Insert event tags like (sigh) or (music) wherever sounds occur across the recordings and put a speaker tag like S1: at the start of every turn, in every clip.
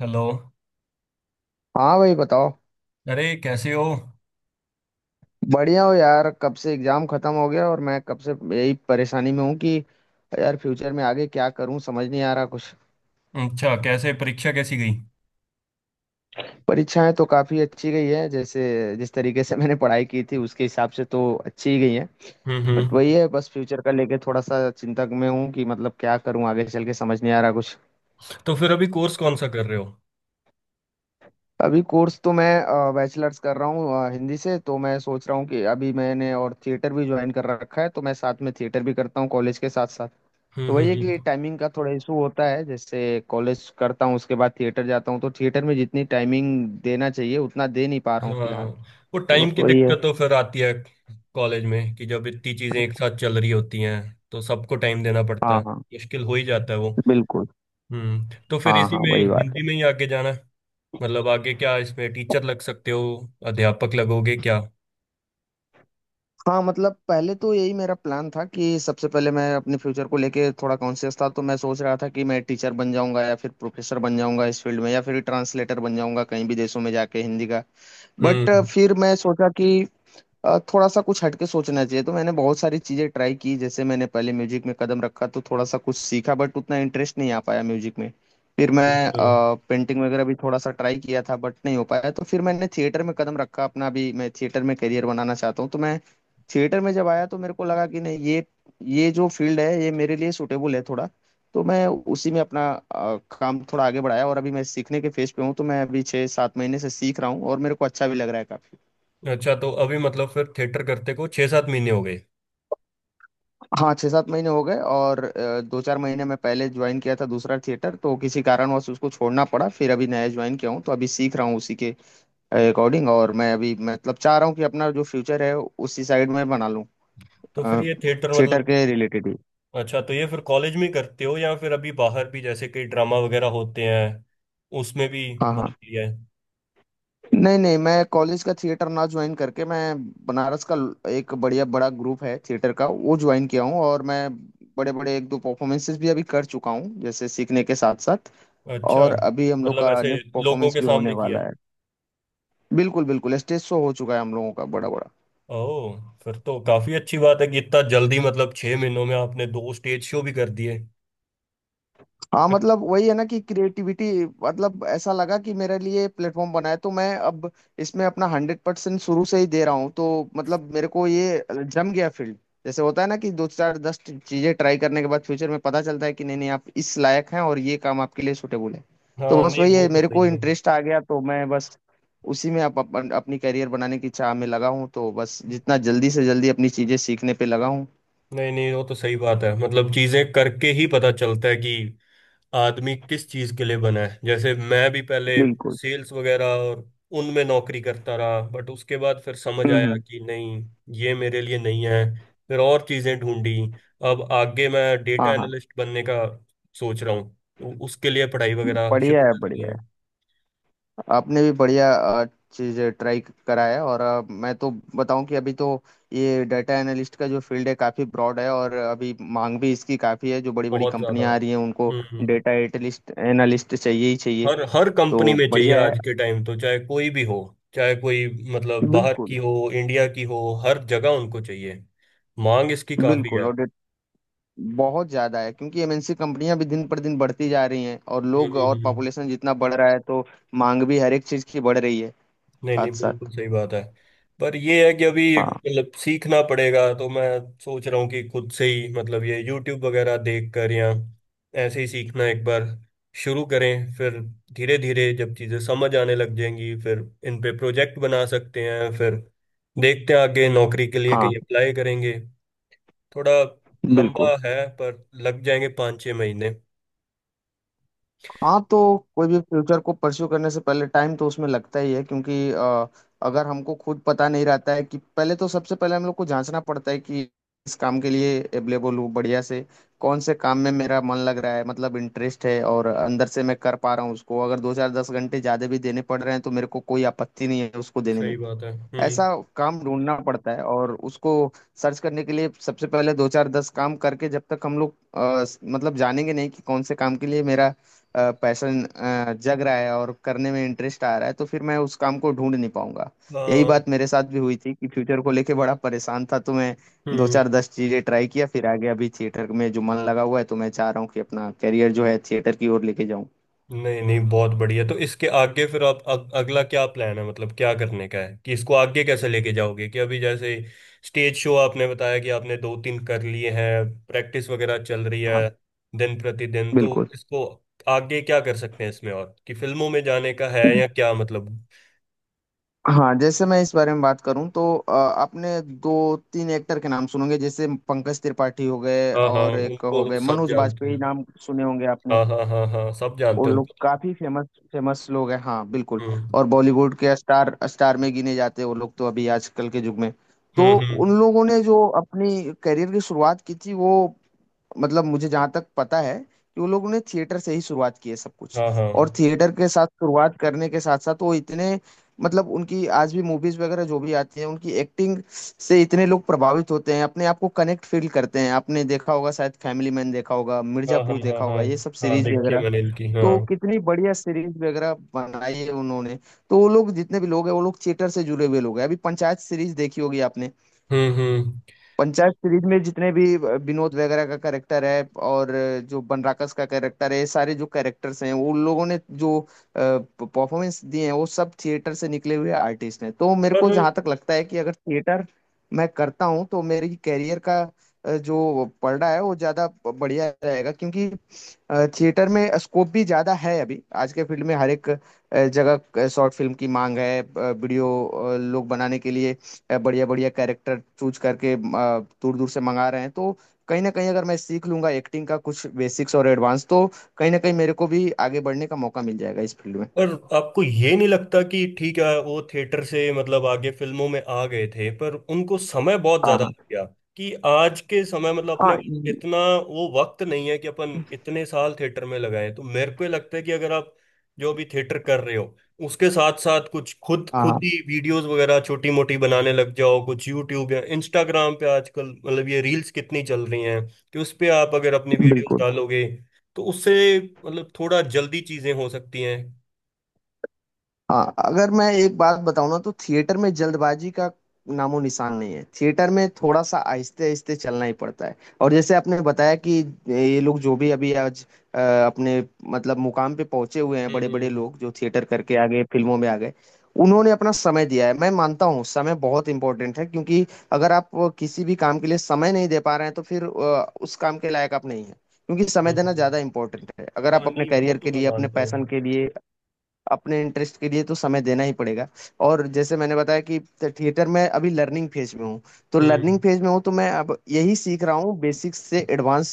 S1: Hello.
S2: हाँ भाई बताओ।
S1: अरे कैसे हो?
S2: बढ़िया हो यार। कब से एग्जाम खत्म हो गया और मैं कब से यही परेशानी में हूँ कि यार फ्यूचर में आगे क्या करूँ, समझ नहीं आ रहा कुछ।
S1: अच्छा, कैसे? परीक्षा कैसी गई?
S2: परीक्षाएं तो काफी अच्छी गई है। जैसे जिस तरीके से (laughs) मैंने पढ़ाई की थी उसके हिसाब से तो अच्छी ही गई है।
S1: हम्म,
S2: बट वही
S1: हम्म।
S2: है, बस फ्यूचर का लेके थोड़ा सा चिंतक में हूँ कि मतलब क्या करूँ आगे चल के, समझ नहीं आ रहा कुछ।
S1: तो फिर अभी कोर्स कौन सा कर रहे हो?
S2: अभी कोर्स तो मैं बैचलर्स कर रहा हूँ हिंदी से। तो मैं सोच रहा हूँ कि अभी मैंने और थिएटर भी ज्वाइन कर रखा है, तो मैं साथ में थिएटर भी करता हूँ कॉलेज के साथ साथ।
S1: हम्म,
S2: तो
S1: हम्म,
S2: वही है कि
S1: हम्म।
S2: टाइमिंग का थोड़ा इशू होता है। जैसे कॉलेज करता हूँ, उसके बाद थिएटर जाता हूँ, तो थिएटर में जितनी टाइमिंग देना चाहिए उतना दे नहीं पा रहा हूँ
S1: हाँ।
S2: फिलहाल।
S1: वो
S2: तो
S1: टाइम
S2: बस
S1: की
S2: वही है।
S1: दिक्कत तो फिर आती है कॉलेज में कि जब इतनी चीजें एक साथ चल रही होती हैं तो सबको टाइम देना पड़ता
S2: हाँ
S1: है।
S2: हाँ,
S1: मुश्किल हो ही जाता है वो।
S2: बिल्कुल।
S1: तो फिर
S2: हाँ
S1: इसी
S2: हाँ,
S1: में
S2: वही बात है।
S1: हिंदी में ही आगे जाना है? मतलब आगे क्या इसमें? टीचर लग सकते हो? अध्यापक लगोगे क्या?
S2: हाँ, मतलब पहले तो यही मेरा प्लान था कि सबसे पहले मैं अपने फ्यूचर को लेके थोड़ा कॉन्शियस था, तो मैं सोच रहा था कि मैं टीचर बन जाऊंगा या फिर प्रोफेसर बन जाऊंगा इस फील्ड में, या फिर ट्रांसलेटर बन जाऊंगा कहीं भी देशों में जाके हिंदी का। बट
S1: हम्म।
S2: फिर मैं सोचा कि थोड़ा सा कुछ हटके सोचना चाहिए, तो मैंने बहुत सारी चीजें ट्राई की। जैसे मैंने पहले म्यूजिक में कदम रखा, तो थोड़ा सा कुछ सीखा, बट उतना इंटरेस्ट नहीं आ पाया म्यूजिक में। फिर मैं
S1: अच्छा,
S2: पेंटिंग वगैरह भी थोड़ा सा ट्राई किया था, बट नहीं हो पाया। तो फिर मैंने थिएटर में कदम रखा अपना भी। मैं थिएटर में करियर बनाना चाहता हूँ, तो मैं थिएटर में जब आया तो मेरे को लगा कि नहीं, ये जो फील्ड है ये मेरे लिए सूटेबल है थोड़ा। तो मैं उसी में अपना काम थोड़ा आगे बढ़ाया, और अभी मैं सीखने के फेज पे हूँ। तो मैं अभी छः सात महीने से सीख रहा हूँ और मेरे को अच्छा भी लग रहा है काफी।
S1: अच्छा, तो अभी मतलब फिर थिएटर करते को 6-7 महीने हो गए।
S2: हाँ, छः सात महीने हो गए। और दो चार महीने मैं पहले ज्वाइन किया था दूसरा थिएटर, तो किसी कारणवश उसको छोड़ना पड़ा। फिर अभी नया ज्वाइन किया हूँ, तो अभी सीख रहा हूँ उसी के अकॉर्डिंग। और मैं अभी मतलब चाह रहा हूँ कि अपना जो फ्यूचर है उसी साइड में बना लूँ।
S1: तो फिर ये थिएटर
S2: थिएटर
S1: मतलब।
S2: के रिलेटेड ही।
S1: अच्छा, तो ये फिर कॉलेज में ही करते हो या फिर अभी बाहर भी जैसे कई ड्रामा वगैरह होते हैं उसमें भी
S2: हाँ
S1: भाग
S2: हाँ।
S1: लिया है?
S2: नहीं नहीं, मैं कॉलेज का थिएटर ना ज्वाइन करके, मैं बनारस का एक बढ़िया बड़ा ग्रुप है थिएटर का वो ज्वाइन किया हूँ। और मैं बड़े बड़े एक दो परफॉर्मेंसेस भी अभी कर चुका हूँ, जैसे सीखने के साथ साथ।
S1: अच्छा,
S2: और अभी हम लोग
S1: मतलब
S2: का
S1: ऐसे
S2: नेक्स्ट
S1: लोगों
S2: परफॉर्मेंस
S1: के
S2: भी होने
S1: सामने किया
S2: वाला है।
S1: है?
S2: बिल्कुल बिल्कुल, स्टेज शो हो चुका है हम लोगों का बड़ा बड़ा।
S1: ओह, फिर तो काफी अच्छी बात है कि इतना जल्दी मतलब 6 महीनों में आपने दो स्टेज शो भी कर दिए।
S2: हाँ, मतलब वही है ना कि क्रिएटिविटी, मतलब ऐसा लगा कि मेरे लिए प्लेटफॉर्म बना है। तो मैं अब इसमें अपना 100% शुरू से ही दे रहा हूँ, तो मतलब मेरे को ये जम गया फील्ड। जैसे होता है ना कि दो चार दस चीजें ट्राई करने के बाद फ्यूचर में पता चलता है कि नहीं नहीं, आप इस लायक हैं और ये काम आपके लिए सुटेबल है। तो
S1: हाँ,
S2: बस
S1: नहीं,
S2: वही
S1: वो
S2: है,
S1: तो
S2: मेरे को
S1: सही है।
S2: इंटरेस्ट आ गया, तो मैं बस उसी में अपनी करियर बनाने की चाह में लगा हूँ, तो बस जितना जल्दी से जल्दी अपनी चीजें सीखने पे लगा हूँ।
S1: नहीं, नहीं, वो तो सही बात है, मतलब चीजें करके ही पता चलता है कि आदमी किस चीज के लिए बना है। जैसे मैं भी पहले
S2: बिल्कुल।
S1: सेल्स वगैरह और उनमें नौकरी करता रहा, बट उसके बाद फिर समझ
S2: हम्म
S1: आया
S2: हम्म।
S1: कि नहीं, ये मेरे लिए नहीं है। फिर और चीजें ढूंढी। अब आगे मैं
S2: हाँ
S1: डेटा
S2: हाँ,
S1: एनालिस्ट बनने का सोच रहा हूँ, तो उसके लिए पढ़ाई वगैरह शुरू
S2: बढ़िया है,
S1: कर दी
S2: बढ़िया है।
S1: है।
S2: आपने भी बढ़िया चीज ट्राई कराया। और मैं तो बताऊं कि अभी तो ये डाटा एनालिस्ट का जो फील्ड है काफी ब्रॉड है, और अभी मांग भी इसकी काफी है। जो बड़ी बड़ी
S1: बहुत ज्यादा।
S2: कंपनियां आ रही हैं उनको
S1: हम्म।
S2: डाटा एटलिस्ट एनालिस्ट चाहिए ही चाहिए।
S1: हर हर कंपनी
S2: तो
S1: में चाहिए
S2: बढ़िया है।
S1: आज के टाइम, तो चाहे कोई भी हो, चाहे कोई मतलब बाहर की
S2: बिल्कुल
S1: हो, इंडिया की हो, हर जगह उनको चाहिए। मांग इसकी काफी
S2: बिल्कुल।
S1: है।
S2: और बहुत ज्यादा है, क्योंकि एमएनसी कंपनियां भी दिन पर दिन बढ़ती जा रही हैं और
S1: हम्म,
S2: लोग और पॉपुलेशन जितना बढ़ रहा है, तो मांग भी हर एक चीज की बढ़ रही है
S1: नहीं, नहीं,
S2: साथ
S1: बिल्कुल
S2: साथ।
S1: सही बात है। पर ये है कि अभी
S2: हाँ
S1: मतलब सीखना पड़ेगा, तो मैं सोच रहा हूँ कि खुद से ही मतलब ये YouTube वगैरह देख कर या ऐसे ही सीखना एक बार शुरू करें, फिर धीरे धीरे जब चीज़ें समझ आने लग जाएंगी फिर इन पे प्रोजेक्ट बना सकते हैं, फिर देखते हैं आगे नौकरी के लिए
S2: हाँ,
S1: कहीं अप्लाई करेंगे। थोड़ा लंबा
S2: बिल्कुल।
S1: है पर लग जाएंगे 5-6 महीने।
S2: हाँ, तो कोई भी फ्यूचर को परस्यू करने से पहले टाइम तो उसमें लगता ही है, क्योंकि अगर हमको खुद पता नहीं रहता है कि पहले, तो सबसे पहले हम लोग को जांचना पड़ता है कि इस काम के लिए एबलेबल हूँ बढ़िया से। कौन से काम में मेरा मन लग रहा है, मतलब इंटरेस्ट है और अंदर से मैं कर पा रहा हूँ उसको। अगर दो चार दस घंटे ज्यादा भी देने पड़ रहे हैं तो मेरे को कोई आपत्ति नहीं है उसको देने
S1: सही
S2: में।
S1: बात है। हम्म।
S2: ऐसा काम ढूंढना पड़ता है, और उसको सर्च करने के लिए सबसे पहले दो चार दस काम करके जब तक हम लोग मतलब जानेंगे नहीं कि कौन से काम के लिए मेरा पैशन जग रहा है और करने में इंटरेस्ट आ रहा है, तो फिर मैं उस काम को ढूंढ नहीं पाऊंगा। यही
S1: हाँ।
S2: बात मेरे साथ भी हुई थी कि फ्यूचर को लेके बड़ा परेशान था, तो मैं दो
S1: हम्म।
S2: चार दस चीजें ट्राई किया। फिर आगे अभी थिएटर में जो मन लगा हुआ है, तो मैं चाह रहा हूँ कि अपना करियर जो है थिएटर की ओर लेके जाऊँ।
S1: नहीं, नहीं, बहुत बढ़िया। तो इसके आगे फिर आप अगला क्या प्लान है, मतलब क्या करने का है कि इसको आगे कैसे लेके जाओगे? कि अभी जैसे स्टेज शो आपने बताया कि आपने दो तीन कर लिए हैं, प्रैक्टिस वगैरह चल रही
S2: हाँ,
S1: है दिन प्रतिदिन, तो
S2: बिल्कुल।
S1: इसको आगे क्या कर सकते हैं इसमें, और कि फिल्मों में जाने का है या क्या मतलब?
S2: हाँ, जैसे मैं इस बारे में बात करूं, तो आपने दो तीन एक्टर के नाम सुनोगे, जैसे पंकज त्रिपाठी हो गए
S1: हाँ, हाँ,
S2: और एक हो
S1: उनको
S2: गए
S1: सब
S2: मनोज
S1: जानते
S2: बाजपेयी,
S1: हैं।
S2: नाम सुने होंगे आपने।
S1: हाँ, हाँ, हाँ, हाँ, सब
S2: वो
S1: जानते हैं
S2: लोग
S1: उनको।
S2: काफी फेमस फेमस लोग हैं, हाँ बिल्कुल।
S1: हम्म,
S2: और बॉलीवुड के स्टार स्टार में गिने जाते हैं वो लोग, तो अभी आजकल के युग में। तो
S1: हम्म,
S2: उन
S1: हम्म।
S2: लोगों ने जो अपनी करियर की शुरुआत की थी, वो, मतलब मुझे जहाँ तक पता है कि वो लोगों ने थिएटर से ही शुरुआत की है सब कुछ।
S1: हाँ, हाँ,
S2: और थिएटर के साथ शुरुआत करने के साथ साथ वो इतने, मतलब उनकी आज भी मूवीज वगैरह जो भी आती हैं उनकी एक्टिंग से इतने लोग प्रभावित होते हैं, अपने आप को कनेक्ट फील करते हैं। आपने देखा होगा शायद, फैमिली मैन देखा होगा,
S1: हाँ, हाँ,
S2: मिर्जापुर
S1: हाँ।
S2: देखा
S1: हाँ,
S2: होगा, ये सब
S1: हाँ,
S2: सीरीज
S1: देखिए
S2: वगैरह।
S1: मैंने इनकी,
S2: तो
S1: हाँ।
S2: कितनी बढ़िया सीरीज वगैरह बनाई है उन्होंने। तो वो लोग जितने भी लोग हैं, वो लोग थिएटर से जुड़े हुए लोग हैं। अभी पंचायत सीरीज देखी होगी आपने।
S1: हम्म, हम्म।
S2: पंचायत सीरीज में जितने भी विनोद वगैरह का कैरेक्टर है और जो बनराकस का कैरेक्टर है, ये सारे जो कैरेक्टर्स हैं, वो उन लोगों ने जो परफॉर्मेंस दिए हैं वो सब थिएटर से निकले हुए आर्टिस्ट हैं। तो मेरे को जहाँ तक लगता है कि अगर थिएटर मैं करता हूँ तो मेरी कैरियर का जो पलड़ा है वो ज़्यादा बढ़िया रहेगा, क्योंकि थिएटर में स्कोप भी ज़्यादा है। अभी आज के फील्ड में हर एक जगह शॉर्ट फिल्म की मांग है, वीडियो लोग बनाने के लिए बढ़िया बढ़िया कैरेक्टर चूज करके दूर दूर से मंगा रहे हैं। तो कहीं ना कहीं अगर मैं सीख लूंगा एक्टिंग का कुछ बेसिक्स और एडवांस, तो कहीं ना कहीं मेरे को भी आगे बढ़ने का मौका मिल जाएगा इस फील्ड में।
S1: पर आपको ये नहीं लगता कि ठीक है वो थिएटर से मतलब आगे फिल्मों में आ गए थे पर उनको समय बहुत
S2: हाँ
S1: ज्यादा
S2: हाँ
S1: लग गया, कि आज के समय मतलब अपने
S2: हाँ
S1: इतना वो वक्त नहीं है कि अपन इतने साल थिएटर में लगाए? तो मेरे को ये लगता है कि अगर आप जो भी थिएटर कर रहे हो उसके साथ साथ कुछ खुद
S2: हाँ
S1: खुद
S2: हाँ,
S1: ही वीडियोस वगैरह छोटी मोटी बनाने लग जाओ कुछ यूट्यूब या इंस्टाग्राम पे। आजकल मतलब ये रील्स कितनी चल रही हैं, कि उस पे आप अगर अपनी वीडियोस
S2: बिल्कुल।
S1: डालोगे तो उससे मतलब थोड़ा जल्दी चीजें हो सकती हैं।
S2: हाँ, अगर मैं एक बात बताऊँ ना, तो थिएटर में जल्दबाजी का नामो निशान नहीं है। थिएटर में थोड़ा सा आहिस्ते आहिस्ते चलना ही पड़ता है। और जैसे आपने बताया कि ये लोग जो भी अभी आज अ, अपने, मतलब मुकाम पे पहुंचे हुए हैं, बड़े बड़े
S1: हम्म,
S2: लोग जो थिएटर करके आ गए, फिल्मों में आ गए। उन्होंने अपना समय दिया है। मैं मानता हूँ समय बहुत इंपॉर्टेंट है, क्योंकि अगर आप किसी भी काम के लिए समय नहीं दे पा रहे हैं तो फिर उस काम के लायक आप नहीं है। क्योंकि समय
S1: हम्म,
S2: देना ज्यादा इंपॉर्टेंट है। अगर आप
S1: हाँ।
S2: अपने
S1: नहीं, वो
S2: करियर
S1: तो
S2: के
S1: मैं
S2: लिए, अपने
S1: मानता हूँ।
S2: पैशन के लिए, अपने इंटरेस्ट के लिए, तो समय देना ही पड़ेगा। और जैसे मैंने बताया कि थिएटर में अभी लर्निंग फेज में हूँ। तो लर्निंग
S1: हम्म,
S2: फेज में हूँ, तो मैं अब यही सीख रहा हूँ बेसिक्स से एडवांस,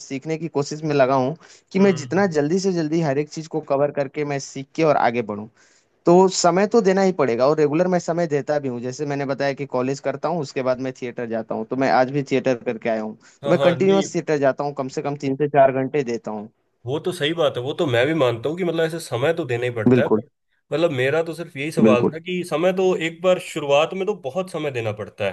S2: सीखने की कोशिश में लगा हूँ कि मैं जितना
S1: हम्म।
S2: जल्दी से जल्दी हर एक चीज को कवर करके मैं सीख के और आगे बढ़ूँ। तो समय तो देना ही पड़ेगा। और रेगुलर मैं समय देता भी हूँ, जैसे मैंने बताया कि कॉलेज करता हूँ उसके बाद मैं थिएटर जाता हूँ। तो मैं आज भी थिएटर करके आया हूँ। तो
S1: हाँ,
S2: मैं
S1: हाँ, नहीं,
S2: कंटिन्यूअस थिएटर जाता हूँ, कम से कम 3 से 4 घंटे देता हूँ।
S1: वो तो सही बात है, वो तो मैं भी मानता हूँ कि मतलब ऐसे समय तो देना ही पड़ता है,
S2: बिल्कुल
S1: पर मतलब मेरा तो सिर्फ यही सवाल
S2: बिल्कुल।
S1: था कि समय तो एक बार शुरुआत में तो बहुत समय देना पड़ता है,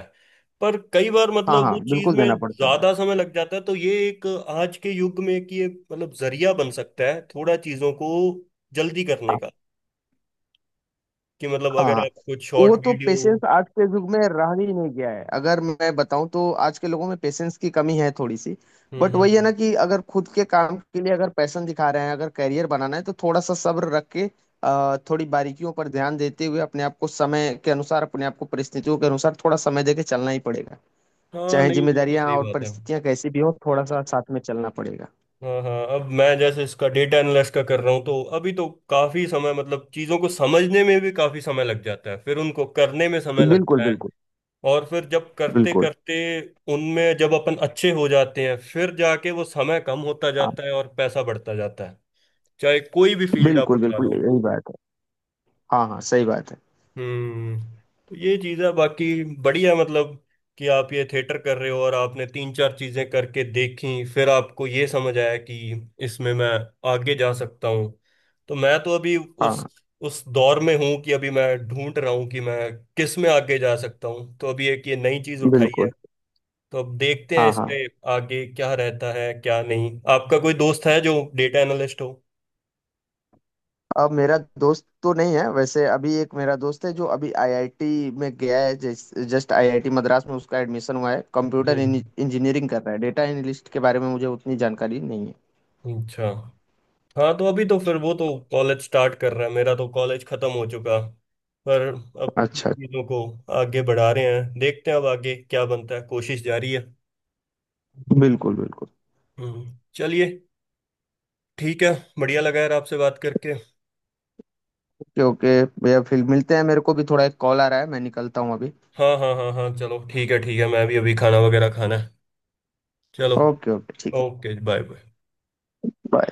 S1: पर कई बार
S2: हाँ
S1: मतलब
S2: हाँ,
S1: वो चीज
S2: बिल्कुल
S1: में
S2: देना पड़ता है।
S1: ज्यादा समय लग जाता है, तो ये एक आज के युग में कि ये मतलब जरिया बन सकता है थोड़ा चीजों को जल्दी करने का, कि मतलब अगर
S2: हाँ,
S1: आप कुछ शॉर्ट
S2: वो तो
S1: वीडियो।
S2: पेशेंस आज के युग में रह ही नहीं गया है। अगर मैं बताऊं तो आज के लोगों में पेशेंस की कमी है थोड़ी सी।
S1: हम्म,
S2: बट
S1: हम्म,
S2: वही है ना कि अगर खुद के काम के लिए अगर पैशन दिखा रहे हैं, अगर करियर बनाना है तो थोड़ा सा सब्र रख के थोड़ी बारीकियों पर ध्यान देते हुए, अपने आप को समय के अनुसार, अपने आप को परिस्थितियों के अनुसार थोड़ा समय देके चलना ही पड़ेगा।
S1: हाँ,
S2: चाहे
S1: नहीं, वो तो
S2: जिम्मेदारियां
S1: सही
S2: और
S1: बात है।
S2: परिस्थितियां कैसी भी हो, थोड़ा सा साथ में चलना पड़ेगा।
S1: हाँ, हाँ, अब मैं जैसे इसका डेटा एनालिस्ट का कर रहा हूँ, तो अभी तो काफी समय मतलब चीजों को समझने में भी काफी समय लग जाता है, फिर उनको करने में समय
S2: बिल्कुल
S1: लगता है,
S2: बिल्कुल
S1: और फिर जब करते
S2: बिल्कुल।
S1: करते उनमें जब अपन अच्छे हो जाते हैं फिर जाके वो समय कम होता
S2: हाँ,
S1: जाता है और पैसा बढ़ता जाता है, चाहे कोई भी फील्ड आप
S2: बिल्कुल
S1: उठा
S2: बिल्कुल,
S1: लो।
S2: यही बात है। हाँ हाँ, सही बात है।
S1: हम्म। तो ये चीज़ है, बाकी बढ़िया, मतलब कि आप ये थिएटर कर रहे हो और आपने तीन चार चीज़ें करके देखी फिर आपको ये समझ आया कि इसमें मैं आगे जा सकता हूँ। तो मैं तो अभी
S2: हाँ
S1: उस
S2: हाँ,
S1: उस दौर में हूँ कि अभी मैं ढूंढ रहा हूँ कि मैं किस में आगे जा सकता हूँ, तो अभी एक ये नई चीज़ उठाई है,
S2: बिल्कुल।
S1: तो अब देखते हैं
S2: हाँ हाँ,
S1: इसमें आगे क्या रहता है क्या नहीं। आपका कोई दोस्त है जो डेटा एनालिस्ट हो?
S2: अब मेरा दोस्त तो नहीं है, वैसे अभी एक मेरा दोस्त है जो अभी आईआईटी में गया है। जस्ट आईआईटी मद्रास में उसका एडमिशन हुआ है, कंप्यूटर
S1: हम्म।
S2: इंजीनियरिंग कर रहा है। डेटा एनालिस्ट के बारे में मुझे उतनी जानकारी नहीं है।
S1: अच्छा। हाँ, तो अभी तो फिर वो तो कॉलेज स्टार्ट कर रहा है, मेरा तो कॉलेज खत्म हो चुका। पर अब
S2: अच्छा अच्छा,
S1: चीजों को आगे बढ़ा रहे हैं, देखते हैं अब आगे क्या बनता है, कोशिश जारी है।
S2: बिल्कुल बिल्कुल।
S1: चलिए, ठीक है। बढ़िया लगा यार आपसे बात करके।
S2: ओके ओके भैया, फिर मिलते हैं। मेरे को भी थोड़ा एक कॉल आ रहा है, मैं निकलता हूँ अभी।
S1: हाँ, हाँ, हाँ, हाँ, चलो ठीक है, ठीक है। मैं भी अभी खाना वगैरह खाना है। चलो।
S2: ओके ओके, ठीक है।
S1: ओके। Bye, bye.
S2: बाय।